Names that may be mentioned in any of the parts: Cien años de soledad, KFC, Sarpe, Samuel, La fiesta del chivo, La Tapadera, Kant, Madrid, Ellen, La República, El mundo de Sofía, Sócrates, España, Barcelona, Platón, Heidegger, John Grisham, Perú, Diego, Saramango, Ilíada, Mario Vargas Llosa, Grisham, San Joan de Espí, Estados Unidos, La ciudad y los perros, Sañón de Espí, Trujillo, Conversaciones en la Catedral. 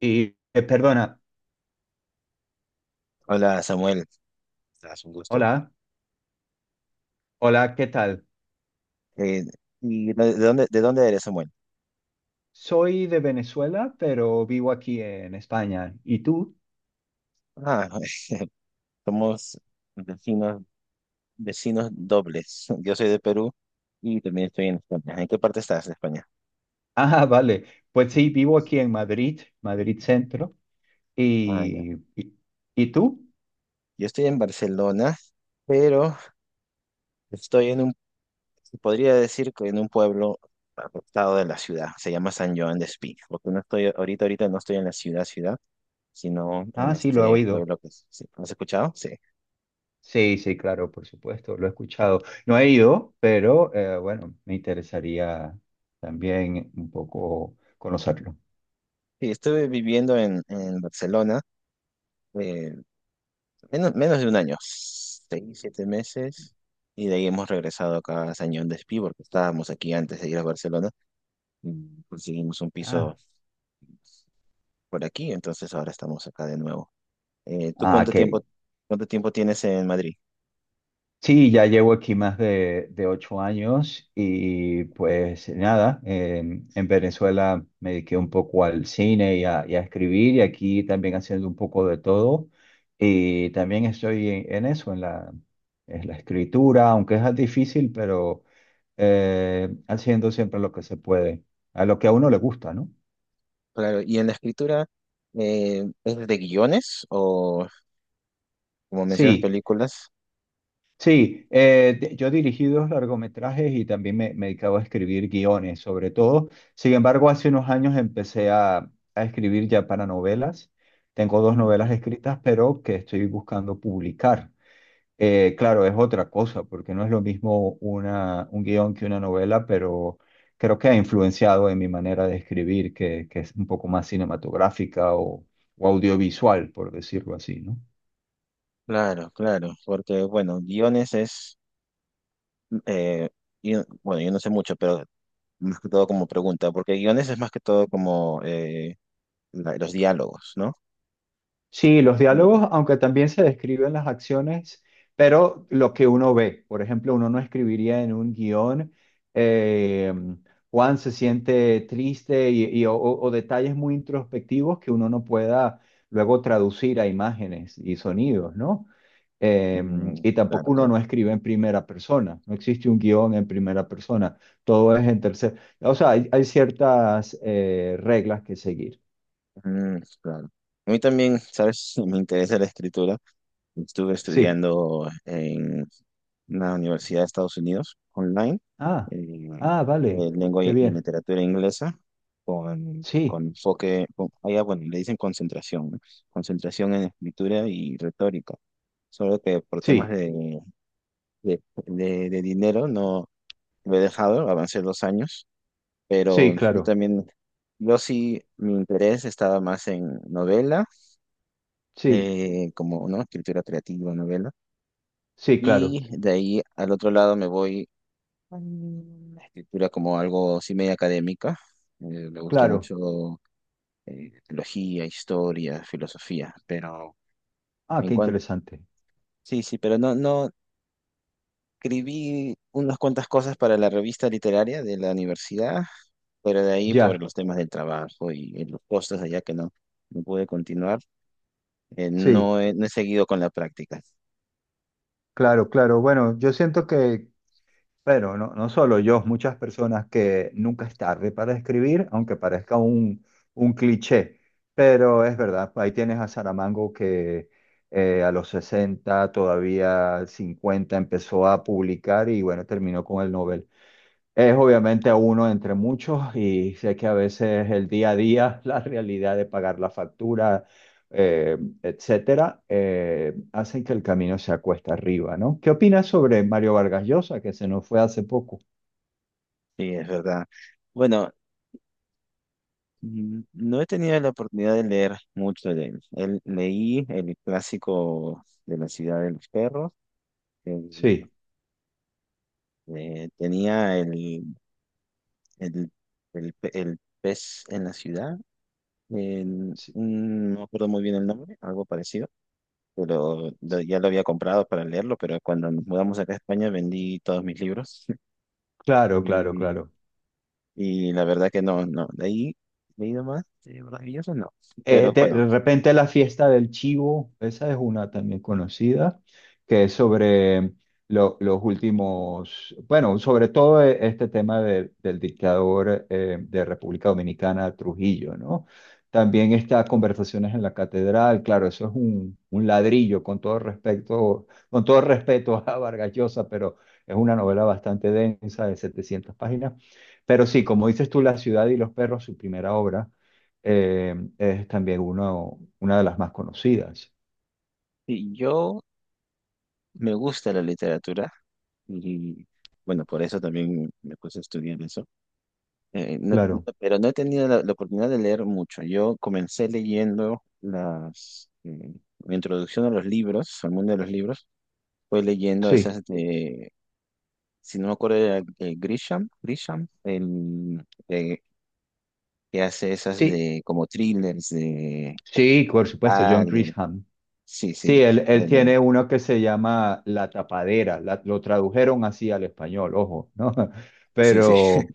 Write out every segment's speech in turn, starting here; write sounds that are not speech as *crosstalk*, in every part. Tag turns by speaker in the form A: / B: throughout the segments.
A: Y perdona,
B: Hola Samuel, es un gusto.
A: hola, hola, ¿qué tal?
B: Eh, ¿Y de dónde eres, Samuel?
A: Soy de Venezuela, pero vivo aquí en España. ¿Y tú?
B: Ah, *laughs* somos vecinos, vecinos dobles. *laughs* Yo soy de Perú y también estoy en España. ¿En qué parte estás de España?
A: Ah, *laughs* vale. Pues sí, vivo aquí en Madrid, Madrid Centro.
B: Ah, ya.
A: ¿Y, y tú?
B: Yo estoy en Barcelona, pero estoy en un, se podría decir que en un pueblo apartado de la ciudad. Se llama San Joan de Espí, porque no estoy ahorita no estoy en la ciudad, ciudad, sino en
A: Ah, sí, lo he
B: este
A: oído.
B: pueblo que sí. ¿Has escuchado? Sí.
A: Sí, sí, claro, por supuesto, lo he escuchado. No he ido, pero bueno, me interesaría también un poco conocerlo.
B: Sí, estuve viviendo en Barcelona. eh, menos de un año, 6, 7 meses, y de ahí hemos regresado acá a Sañón de Espí, porque estábamos aquí antes de ir a Barcelona, y conseguimos un
A: Ah,
B: piso por aquí, entonces ahora estamos acá de nuevo. ¿Tú
A: ah,
B: cuánto
A: qué.
B: tiempo, cuánto tiempo tienes en Madrid?
A: Sí, ya llevo aquí más de ocho años y pues nada, en Venezuela me dediqué un poco al cine y a escribir y aquí también haciendo un poco de todo y también estoy en eso, en la escritura, aunque es difícil, pero haciendo siempre lo que se puede, a lo que a uno le gusta, ¿no?
B: Claro, y en la escritura, ¿es de guiones o, como mencionas,
A: Sí,
B: películas?
A: sí, yo dirigí dos largometrajes y también me dedicaba a escribir guiones, sobre todo. Sin embargo, hace unos años empecé a escribir ya para novelas. Tengo dos
B: Mm.
A: novelas escritas, pero que estoy buscando publicar. Claro, es otra cosa, porque no es lo mismo un guión que una novela, pero creo que ha influenciado en mi manera de escribir, que es un poco más cinematográfica o audiovisual, por decirlo así, ¿no?
B: Claro, claro, porque bueno, guiones es, eh, bueno, yo no sé mucho, pero más que todo como pregunta, porque guiones es más que todo como los diálogos, ¿no?
A: Sí, los diálogos,
B: Ya.
A: aunque también se describen las acciones, pero lo que uno ve, por ejemplo, uno no escribiría en un guión, eh, Juan se siente triste o, o detalles muy introspectivos que uno no pueda luego traducir a imágenes y sonidos, ¿no? Eh,
B: Mm,
A: y
B: claro,
A: tampoco uno
B: claro.
A: no escribe en primera persona, no existe un guión en primera persona, todo es en tercera, o sea, hay ciertas reglas que seguir.
B: Mm, claro. A mí también, ¿sabes? *laughs* Me interesa la escritura. Estuve
A: Sí.
B: estudiando en una universidad de Estados Unidos online,
A: Ah,
B: eh,
A: ah, vale,
B: lengua
A: qué
B: y
A: bien.
B: literatura inglesa, con,
A: Sí,
B: con enfoque, allá, bueno, le dicen concentración, ¿no? Concentración en escritura y retórica. Solo que por temas
A: sí,
B: de, de dinero no lo he dejado, avancé 2 años pero
A: sí,
B: yo
A: claro.
B: también, yo sí, mi interés estaba más en novela,
A: Sí,
B: como, ¿no? Escritura creativa, novela,
A: sí, claro,
B: y de ahí al otro lado me voy a la escritura como algo sí medio académica. Me gusta
A: claro.
B: mucho teología, historia, filosofía, pero
A: Ah,
B: en
A: qué
B: cuanto,
A: interesante.
B: sí, sí, pero no, no, escribí unas cuantas cosas para la revista literaria de la universidad, pero de ahí por
A: Ya,
B: los temas del trabajo y los costos allá que no, no pude continuar.
A: sí,
B: No he, seguido con la práctica.
A: claro, claro. Bueno, yo siento que, pero no, no solo yo, muchas personas que nunca es tarde para escribir, aunque parezca un cliché, pero es verdad, ahí tienes a Saramango que a los 60 todavía 50 empezó a publicar y bueno, terminó con el Nobel. Es obviamente uno entre muchos y sé que a veces el día a día, *laughs* la realidad de pagar la factura, etcétera, hacen que el camino sea cuesta arriba, ¿no? ¿Qué opinas sobre Mario Vargas Llosa, que se nos fue hace poco?
B: Sí, es verdad. Bueno, no he tenido la oportunidad de leer mucho de él. Leí el clásico de la ciudad de los perros. el-
A: Sí,
B: Tenía el, el pez en la ciudad.
A: sí,
B: No me acuerdo muy bien el nombre, algo parecido. Pero ya lo había comprado para leerlo, pero cuando nos mudamos acá a España vendí todos mis libros. *laughs*
A: claro, claro,
B: Y
A: claro.
B: Y la verdad que no, no, de ahí nomás, de maravilloso no. Pero
A: De
B: bueno,
A: repente la fiesta del chivo, esa es una también conocida, que es sobre los últimos, bueno, sobre todo este tema del dictador de República Dominicana, Trujillo, ¿no? También está Conversaciones en la Catedral, claro, eso es un ladrillo con todo respecto, con todo respeto a Vargas Llosa, pero es una novela bastante densa de 700 páginas. Pero sí, como dices tú, La ciudad y los perros, su primera obra es también uno, una de las más conocidas.
B: sí, yo me gusta la literatura y bueno, por eso también me puse a estudiar eso. No,
A: Claro,
B: pero no he tenido la oportunidad de leer mucho. Yo comencé leyendo mi introducción a los libros, al mundo de los libros, fue leyendo
A: sí,
B: esas de, si no me acuerdo, era, Grisham, que hace esas
A: sí,
B: de como thrillers. De...
A: sí, por supuesto, John Grisham.
B: Sí,
A: Sí,
B: sí.
A: él
B: Ellen.
A: tiene uno que se llama La Tapadera, lo tradujeron así al español, ojo, ¿no? *laughs*
B: Sí, sí.
A: Pero,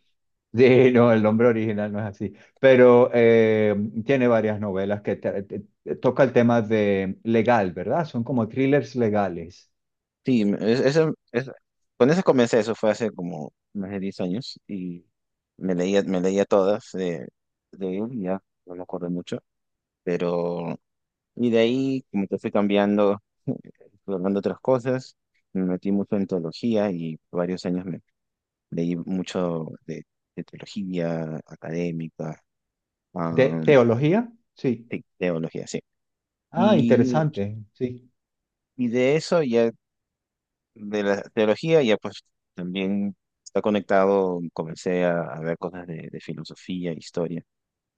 A: sí, no, el nombre original no es así, pero tiene varias novelas que tra- te- te- toca el tema de legal, ¿verdad? Son como thrillers legales.
B: Sí, con eso comencé, eso fue hace como más de 10 años y me leía todas de él, y ya no me acuerdo mucho, pero y de ahí como que fui cambiando, *laughs* fui hablando otras cosas, me metí mucho en teología y por varios años me leí mucho de teología académica,
A: ¿De
B: am,
A: teología? Sí.
B: sí, teología, sí.
A: Ah,
B: Y,
A: interesante, sí,
B: y de eso ya de la teología, ya pues también está conectado, comencé a ver cosas de filosofía, historia,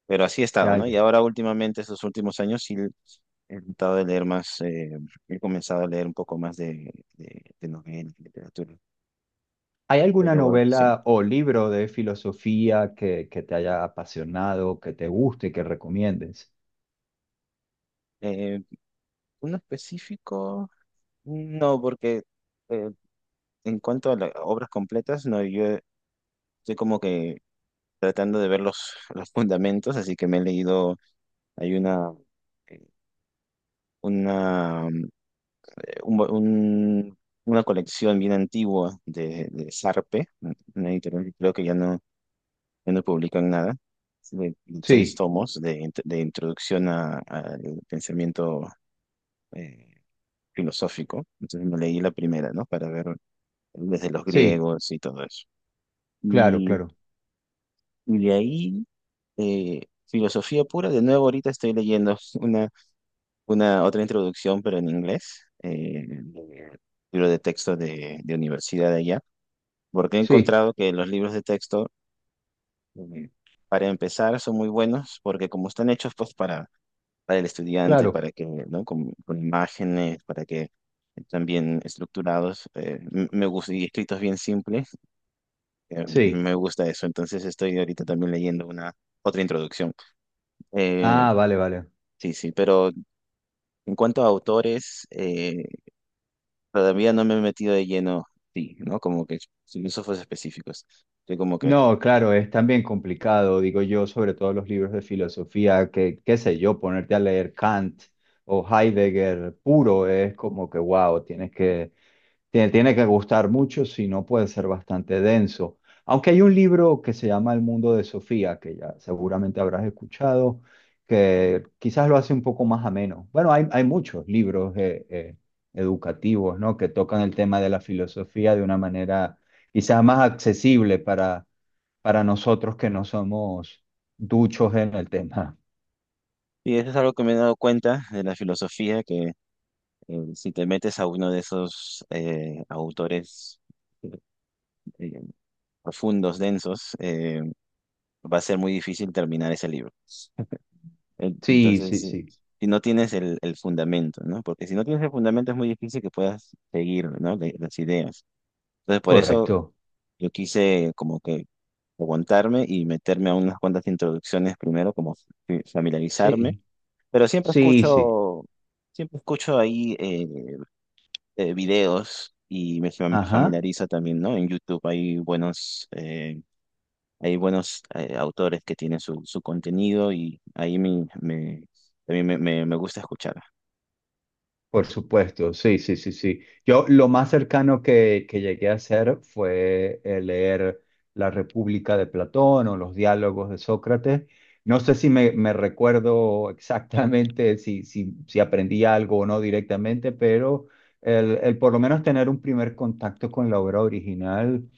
B: pero así he estado,
A: ya,
B: ¿no?
A: ya.
B: Y ahora últimamente, estos últimos años, sí he tratado de leer más, he comenzado a leer un poco más de novelas, de literatura,
A: ¿Hay alguna
B: pero sí.
A: novela o libro de filosofía que te haya apasionado, que te guste, que recomiendes?
B: Eh, ¿Uno específico? No, porque eh, en cuanto a las obras completas, no, yo estoy como que tratando de ver los fundamentos, así que me he leído, hay eh, una, eh, un- un- una colección bien antigua de Sarpe, una editorial que creo que ya no publican nada, de seis
A: Sí,
B: tomos de introducción al pensamiento eh, filosófico. Entonces me leí la primera, ¿no? Para ver desde los
A: sí,
B: griegos y todo eso.
A: claro,
B: Y,
A: claro.
B: y de ahí, eh, filosofía pura, de nuevo ahorita estoy leyendo *laughs* una otra introducción, pero en inglés, de libro de texto de universidad de allá, porque he
A: Sí,
B: encontrado que los libros de texto, eh, para empezar, son muy buenos, porque como están hechos pues para el estudiante,
A: claro,
B: para que, ¿no? Con imágenes, para que están bien estructurados, me gusta, y escritos bien simples,
A: sí.
B: me gusta eso. Entonces estoy ahorita también leyendo una otra introducción. Eh,
A: Ah, vale, vale.
B: sí, sí, pero en cuanto a autores, todavía no me he metido de lleno, sí, ¿no? Como que filósofos específicos. Yo como que,
A: No, claro, es también complicado, digo yo, sobre todo los libros de filosofía, que, qué sé yo, ponerte a leer Kant o Heidegger puro es como que, wow, tienes que. Tiene, tiene que gustar mucho, si no puede ser bastante denso. Aunque hay un libro que se llama El mundo de Sofía, que ya seguramente habrás escuchado, que quizás lo hace un poco más ameno. Bueno, hay muchos libros educativos, ¿no?, que tocan el tema de la filosofía de una manera quizás más accesible para nosotros que no somos duchos en el tema.
B: y eso es algo que me he dado cuenta de la filosofía, que si te metes a uno de esos autores eh, eh, profundos, densos, va a ser muy difícil terminar ese libro. En-
A: Sí,
B: Entonces,
A: sí,
B: eh,
A: sí.
B: si no tienes el fundamento, ¿no? Porque si no tienes el fundamento es muy difícil que puedas seguir, ¿no? Las ideas. Entonces, por eso
A: Correcto.
B: yo quise como que aguantarme y meterme a unas cuantas introducciones primero, como familiarizarme,
A: Sí,
B: pero siempre
A: sí, sí.
B: escucho, siempre escucho ahí videos y me
A: Ajá.
B: familiarizo también, ¿no? En YouTube hay buenos autores que tienen su contenido y ahí también me gusta escuchar.
A: Por supuesto, sí, sí, sí, sí. Yo lo más cercano que llegué a hacer fue leer La República de Platón o los diálogos de Sócrates. No sé si me, me recuerdo exactamente si, si, si aprendí algo o no directamente, pero el por lo menos tener un primer contacto con la obra original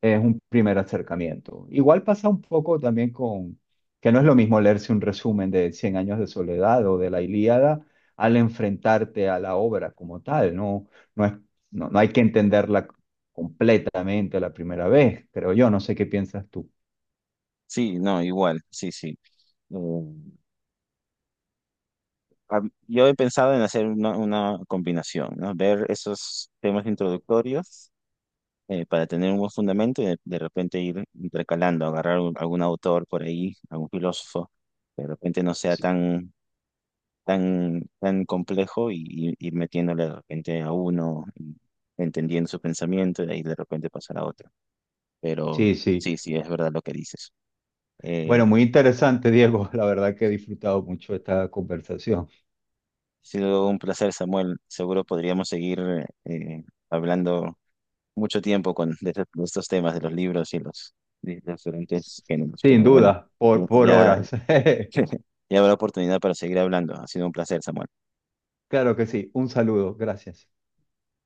A: es un primer acercamiento. Igual pasa un poco también con que no es lo mismo leerse un resumen de Cien años de soledad o de la Ilíada al enfrentarte a la obra como tal, ¿no? No es, no, no hay que entenderla completamente la primera vez, creo yo, no sé qué piensas tú.
B: Sí, no, igual, sí, sí. Eh, a- yo he pensado en hacer una combinación, ¿no? Ver esos temas introductorios para tener un buen fundamento y de repente ir intercalando, agarrar algún autor por ahí, algún filósofo, que de repente no sea
A: Sí,
B: tan, tan, tan complejo y ir metiéndole de repente a uno, y entendiendo su pensamiento y de ahí de repente pasar a otro. Pero
A: sí. Sí.
B: sí, sí, es verdad lo que dices.
A: Bueno, muy
B: Ha
A: interesante, Diego. *laughs* La verdad que he disfrutado mucho esta conversación.
B: sido un placer, Samuel. Seguro podríamos seguir eh, hablando mucho tiempo de estos temas, de los libros y de los diferentes géneros,
A: Sin
B: pero bueno.
A: duda,
B: Ya,
A: por
B: ya
A: horas. *laughs*
B: *laughs* ya habrá oportunidad para seguir hablando. Ha sido un placer, Samuel.
A: Claro que sí. Un saludo. Gracias.